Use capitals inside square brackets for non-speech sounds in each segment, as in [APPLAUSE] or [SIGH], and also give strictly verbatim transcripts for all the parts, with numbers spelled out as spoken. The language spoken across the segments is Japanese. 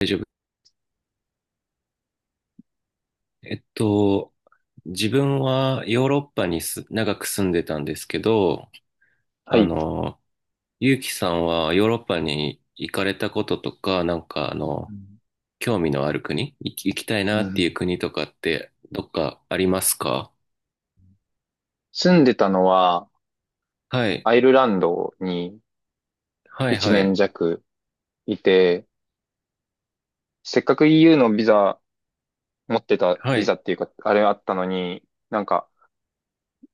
大丈夫。えっと、自分はヨーロッパにす長く住んでたんですけど、はあい。の、ゆうきさんはヨーロッパに行かれたこととか、なんかあの、興味のある国、行き、行きたいうなっていうん。国とかってどっかありますか？住んでたのは、はい。アイルランドにはい、1はい。年弱いて、せっかく イーユー のビザ、持ってたはビザい。っていうか、あれあったのに、なんか、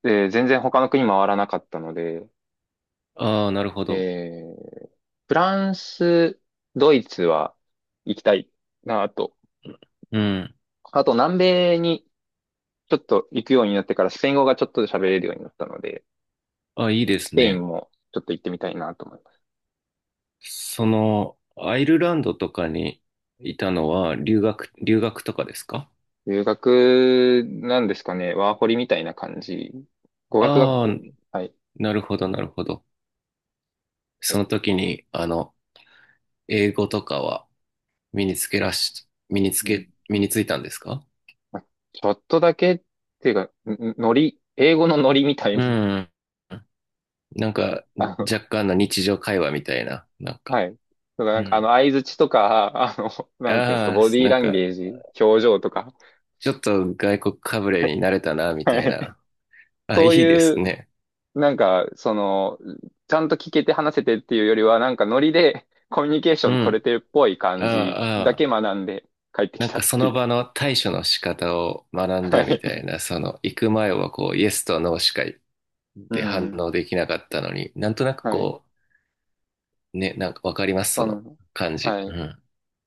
えー全然他の国回らなかったので、ああ、なるほど。えーフランス、ドイツは行きたいなと。うん。あと、南米にちょっと行くようになってから、スペイン語がちょっと喋れるようになったので、あ、いいでスすペインね。もちょっと行ってみたいなと思います。その、アイルランドとかにいたのは留学、留学とかですか？留学なんですかね。ワーホリみたいな感じ。語学学ああ校ー、に。はい。なるほど、なるほど。はそい。の時に、あの、英語とかは身につけらし、身につうん。け、身についたんですか？まあちょっとだけっていうか、んんノリ、英語のノリみたいうな。ん。なん [LAUGHS] か、あの、若干の日常会話みたいな、なんか、はい。とか、なうんか、あの、ん。相槌とか、あの、なんていうんですか、あボデあ、ィーなんランか、ゲージ、表情とか。ちょっと外国かぶれになれたな、みはたいい。な。[LAUGHS] あ、いそういでいすう、ね。なんか、その、ちゃんと聞けて話せてっていうよりは、なんかノリでコミュニケーシうョン取れん。てるっぽいあ感じあ、あだけあ。学んで帰ってなきんたかっそていのう。場の対処の仕方を学んはだみたい。いな、その、行く前はこう、イエスとノーしかうで反ん。応できなかったのに、なんとなくはい。こね、なんかわかります、そそのの、感じ。はうい。ん。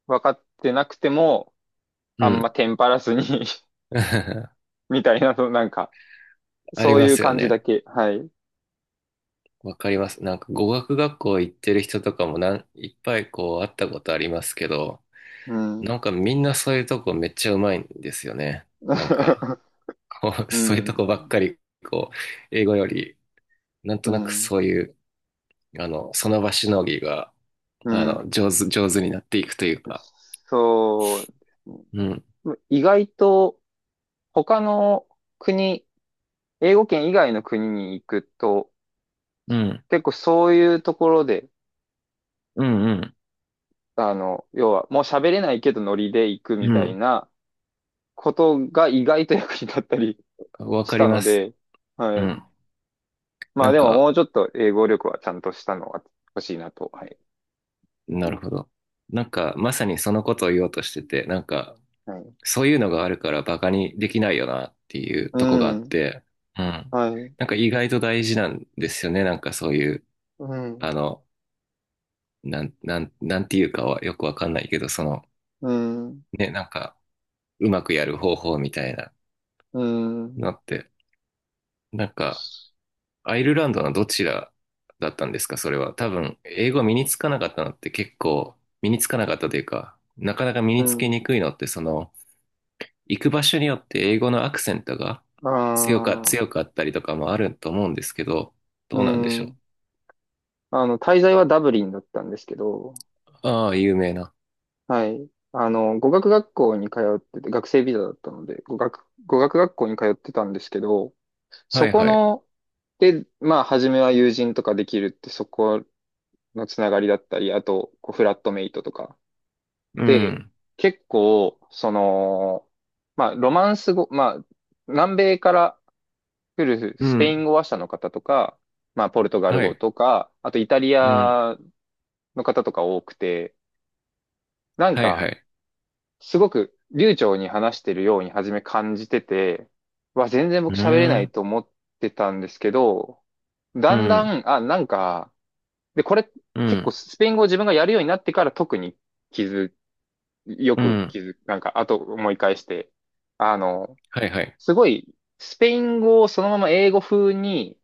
分かってなくても、うあんまん。テンパらずに [LAUGHS] [LAUGHS] みたいな、そのなんか、ありそうまいうすよ感じだね。け。はい。わかります。なんか語学学校行ってる人とかもなん、いっぱいこう会ったことありますけど、うなんん。かみんなそういうとこめっちゃうまいんですよね。なんか、[LAUGHS] こう、[LAUGHS] うそういうとこばっん。かり、こう、英語より、なんうとなくん。そういう、あの、その場しのぎが、うあん。の、上手、上手になっていくというか。そうでうん。すね。意外と、他の国、英語圏以外の国に行くと、うん。結構そういうところで、うんうん。あの、要は、もう喋れないけどノリで行くみうたいん。なことが意外と役に立ったりわしかりたまのす。で、うはい。ん。まなあんでももか、うちょっと英語力はちゃんとしたのは欲しいなと。はい。なるほど。なんか、まさにそのことを言おうとしてて、なんか、はい。そういうのがあるからバカにできないよなっていううとこがあっん。て、うん。はい。なんか意外と大事なんですよね。なんかそういう、うあん。の、なん、なん、なんていうかはよくわかんないけど、その、うん。ね、なんか、うまくやる方法みたいなうん。のって、なんか、アイルランドのどちらだったんですか、それは。多分、英語身につかなかったのって結構、身につかなかったというか、なかなか身うにつけん。にくいのって、その、行く場所によって英語のアクセントがあ強か、あ。強かったりとかもあると思うんですけど、どううなんでしょう。ん。あの、滞在はダブリンだったんですけど、ああ、有名な。はい。あの、語学学校に通ってて、学生ビザだったので、語学、語学学校に通ってたんですけど、はそいこはい。の、で、まあ、初めは友人とかできるって、そこのつながりだったり、あと、こう、フラットメイトとか、うで、ん。結構、その、まあ、ロマンス語、まあ、南米から来るうスペイん。ン語話者の方とか、まあ、ポルトガルは語い。とか、あとイタリうん。アの方とか多くて、なんはいはか、い。すごく流暢に話してるように初め感じてて、わ、全然う僕喋れなーいん。と思ってたんですけど、うだんだん。ん、あ、なんか、で、これう結構ん。スペイン語を自分がやるようになってから特に気づようくん。気づく、なんか、あと思い返して、あの、はいはい。すごい、スペイン語をそのまま英語風に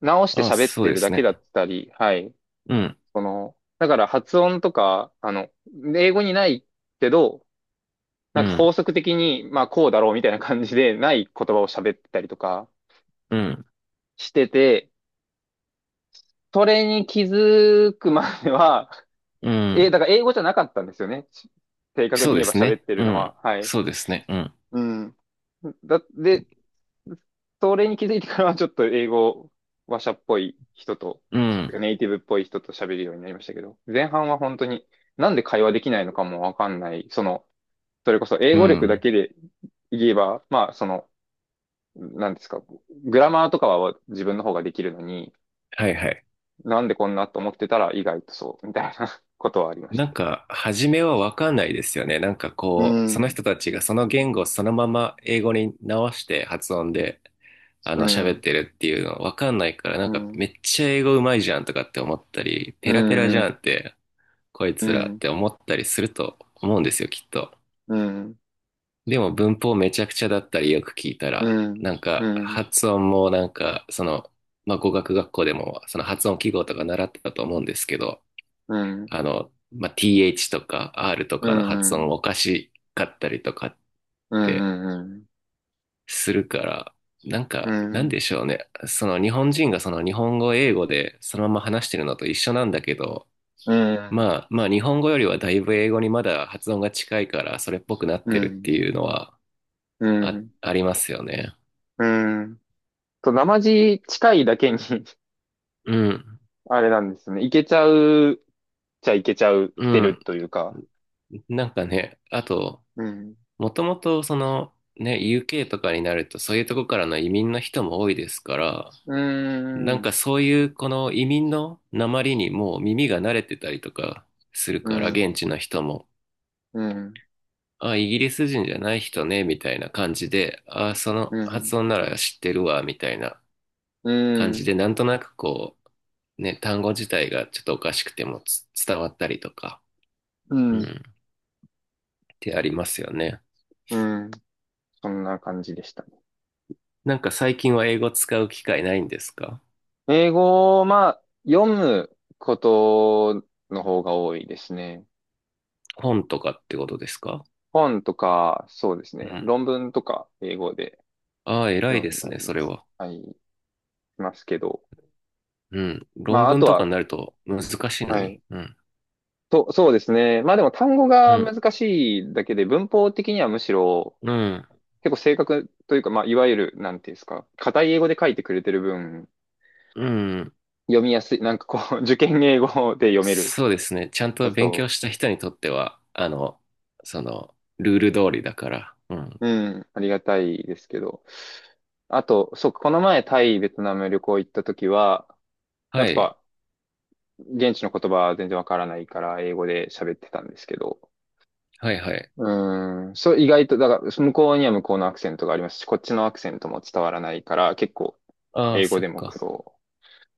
直してああ、喋っそうてでるだすけね。だったり、はい。うん。その、だから発音とか、あの、英語にないけど、うなんかん。法則的に、まあこうだろうみたいな感じでない言葉を喋ってたりとかうん。してて、それに気づくまでは、うえ、ん。だから英語じゃなかったんですよね。し正確そにう言えでばす喋っね。てるうのん。は。はい。そうですね。うん。うん。だ、で、それに気づいてからはちょっと英語ワシャっぽい人とうん。ネイティブっぽい人と喋るようになりましたけど、前半は本当になんで会話できないのかもわかんない、そのそれこそ英う語力だん。けで言えば、まあそのなんですか、グラマーとかは自分の方ができるのに、はいはい。なんでこんなと思ってたら意外とそうみたいなことはありましなたんけか、初めはわかんないですよね。なんかど。うこう、その人ん、たちがその言語をそのまま英語に直して発音で、あうの、喋っん、てるっていうのわかんないから、なうんかめん、っちゃ英語うまいじゃんとかって思ったり、うペラペラじん、うゃんん、って、こいうつらっん、て思ったりすると思うんですよ、きっと。うん、でも文法めちゃくちゃだったりよく聞いたうら、なん、んうかん、発音もなんか、その、まあ、語学学校でもその発音記号とか習ってたと思うんですけど、うん、あの、まあ、ティーエイチ とか R とうかの発音ん。おかしかったりとかっうてん、うん、するから、なんうか、なんん、でしょうね。その日本人がその日本語、英語でそのまま話してるのと一緒なんだけど、うん、うまん、あ、まあ日本語よりはだいぶ英語にまだ発音が近いからそれっぽくなっうてるってん、いうのはうあ、ん、ありますよね。うんと、生地近いだけに [LAUGHS] うん。あれなんですね。いけちゃう、じゃいけちゃうっうてるん。というか。なんかね、あと、うん、もともとそのね、ユーケー とかになるとそういうとこからの移民の人も多いですから、うなん、んうかん、そういうこの移民の訛りにもう耳が慣れてたりとかするうから現ん、地の人も、うん、あ、イギリス人じゃない人ね、みたいな感じで、あ、そのう発ん、音なら知ってるわ、みたいな感じうで、なんとなくこう、ね、単語自体がちょっとおかしくてもつ伝わったりとか、うん、っん、てありますよね。うん、そんな感じでしたね。なんか最近は英語使う機会ないんですか？英語を、まあ、読むことの方が多いですね。本とかってことですか？本とか、そうですうね。ん。論文とか、英語でああ、偉い読でんすだね、り。それは。はい。ますけど。うん。ま論あ、あ文ととかは、になると難しいのはに。い。うん。と、そうですね。まあでも単語うがん、難しいだけで、文法的にはむしろ、うん、結構正確というか、まあ、いわゆる、なんていうんですか、硬い英語で書いてくれてる分、うん。読みやすい、なんかこう、[LAUGHS] 受験英語で読める。そうですね。ちゃんと勉強そした人にとっては、あの、その、ルール通りだから。うん。う。うん、ありがたいですけど。あと、そう、この前タイ、ベトナム旅行行った時は、やっはい、ぱ、現地の言葉は全然わからないから、英語で喋ってたんですけど、はい、はい。うーん。そう、意外と、だから、向こうには向こうのアクセントがありますし、こっちのアクセントも伝わらないから、結構、ああ、英語そっでも苦か。労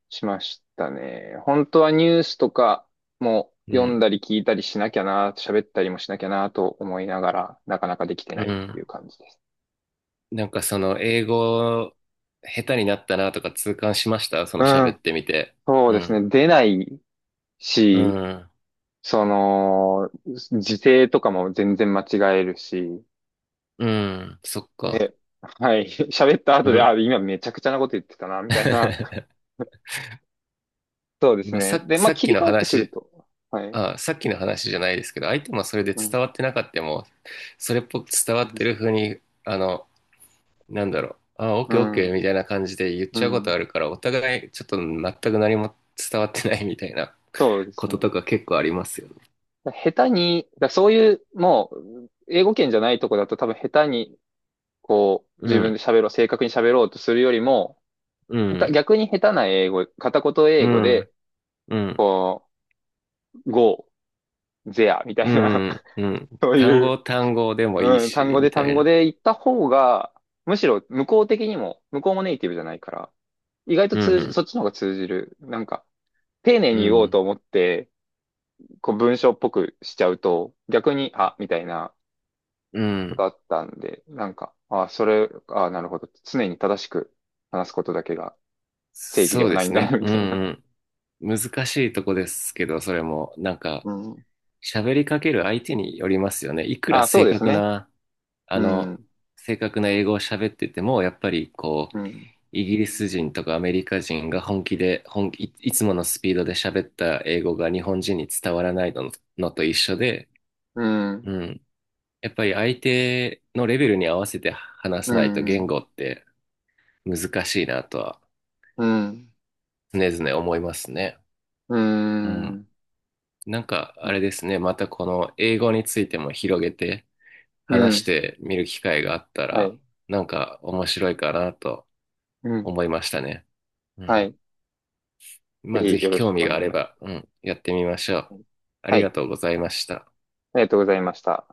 しましたね。本当はニュースとかもう読んん、だり聞いたりしなきゃな、喋ったりもしなきゃなと思いながら、なかなかできてうないっていうん。感じです。なんかその、英語、下手になったなとか痛感しましたそのう喋っん。てみて。そううですん、ね。出ないうし、ん、その、時勢とかも全然間違えるし、うん、そっか。で、はい。[LAUGHS] 喋ったう後で、あ、ん。今めちゃくちゃなこと言ってたな、みたいな。[LAUGHS] そうですまあ、ね。さ、で、まあ、さっ切きりの替わってくる話、と。はい。あ、さっきの話じゃないですけど、相手もそれでう伝ん。わってなかったも、それっぽく伝わうってん。る風に、あの、なんだろう、あ、オッうケーオッケーみん。たいな感じで言っうちゃうことあん、るから、お互いちょっと全く何も伝わってないみたいなそうでこすとね。とか結構ありますよね。だ下手に、だそういう、もう、英語圏じゃないとこだと多分下手に、こう、う自分でん、喋ろう、正確に喋ろうとするよりも、う下手、ん、逆に下手な英語、片言英う語で、ん、うん、こう、go, there みたういな。 ん、う [LAUGHS] ん。そう単い語う、単語でもいいうん、単し、語みでた単い語な。で言った方が、むしろ向こう的にも、向こうもネイティブじゃないから、意外とう通じ、そん、っちの方が通じる。なんか、丁寧うに言おうん、と思って、こう文章っぽくしちゃうと、逆に、あ、みたいなうことん。あったんで、なんか、あ、それ、あ、なるほど。常に正しく話すことだけが正義でそうはでないすんだね。な、みうたいな。ん、うん。難しいとこですけど、それも、なんか、うん。喋りかける相手によりますよね。いくらあ、そう正です確ね。な、あうの、ん、正確な英語を喋ってても、やっぱりこう、うん。イギリス人とかアメリカ人が本気で、本気、いいつものスピードで喋った英語が日本人に伝わらないの、のと一緒で、うん、うん。やっぱり相手のレベルに合わせて話うさないと言ん、語って難しいなとはうん、常々思いますね。ううん。ん、なんか、あね、れですね。またこの英語についても広げて、う話しん、てみる機会があったはら、い、なんか面白いかなとうん、思いましたね。うはん。い。ぜまあ、ひぜよひろし興くお味があ願れい。ば、うん、やってみましょう。あはりがい。とうございました。ありがとうございました。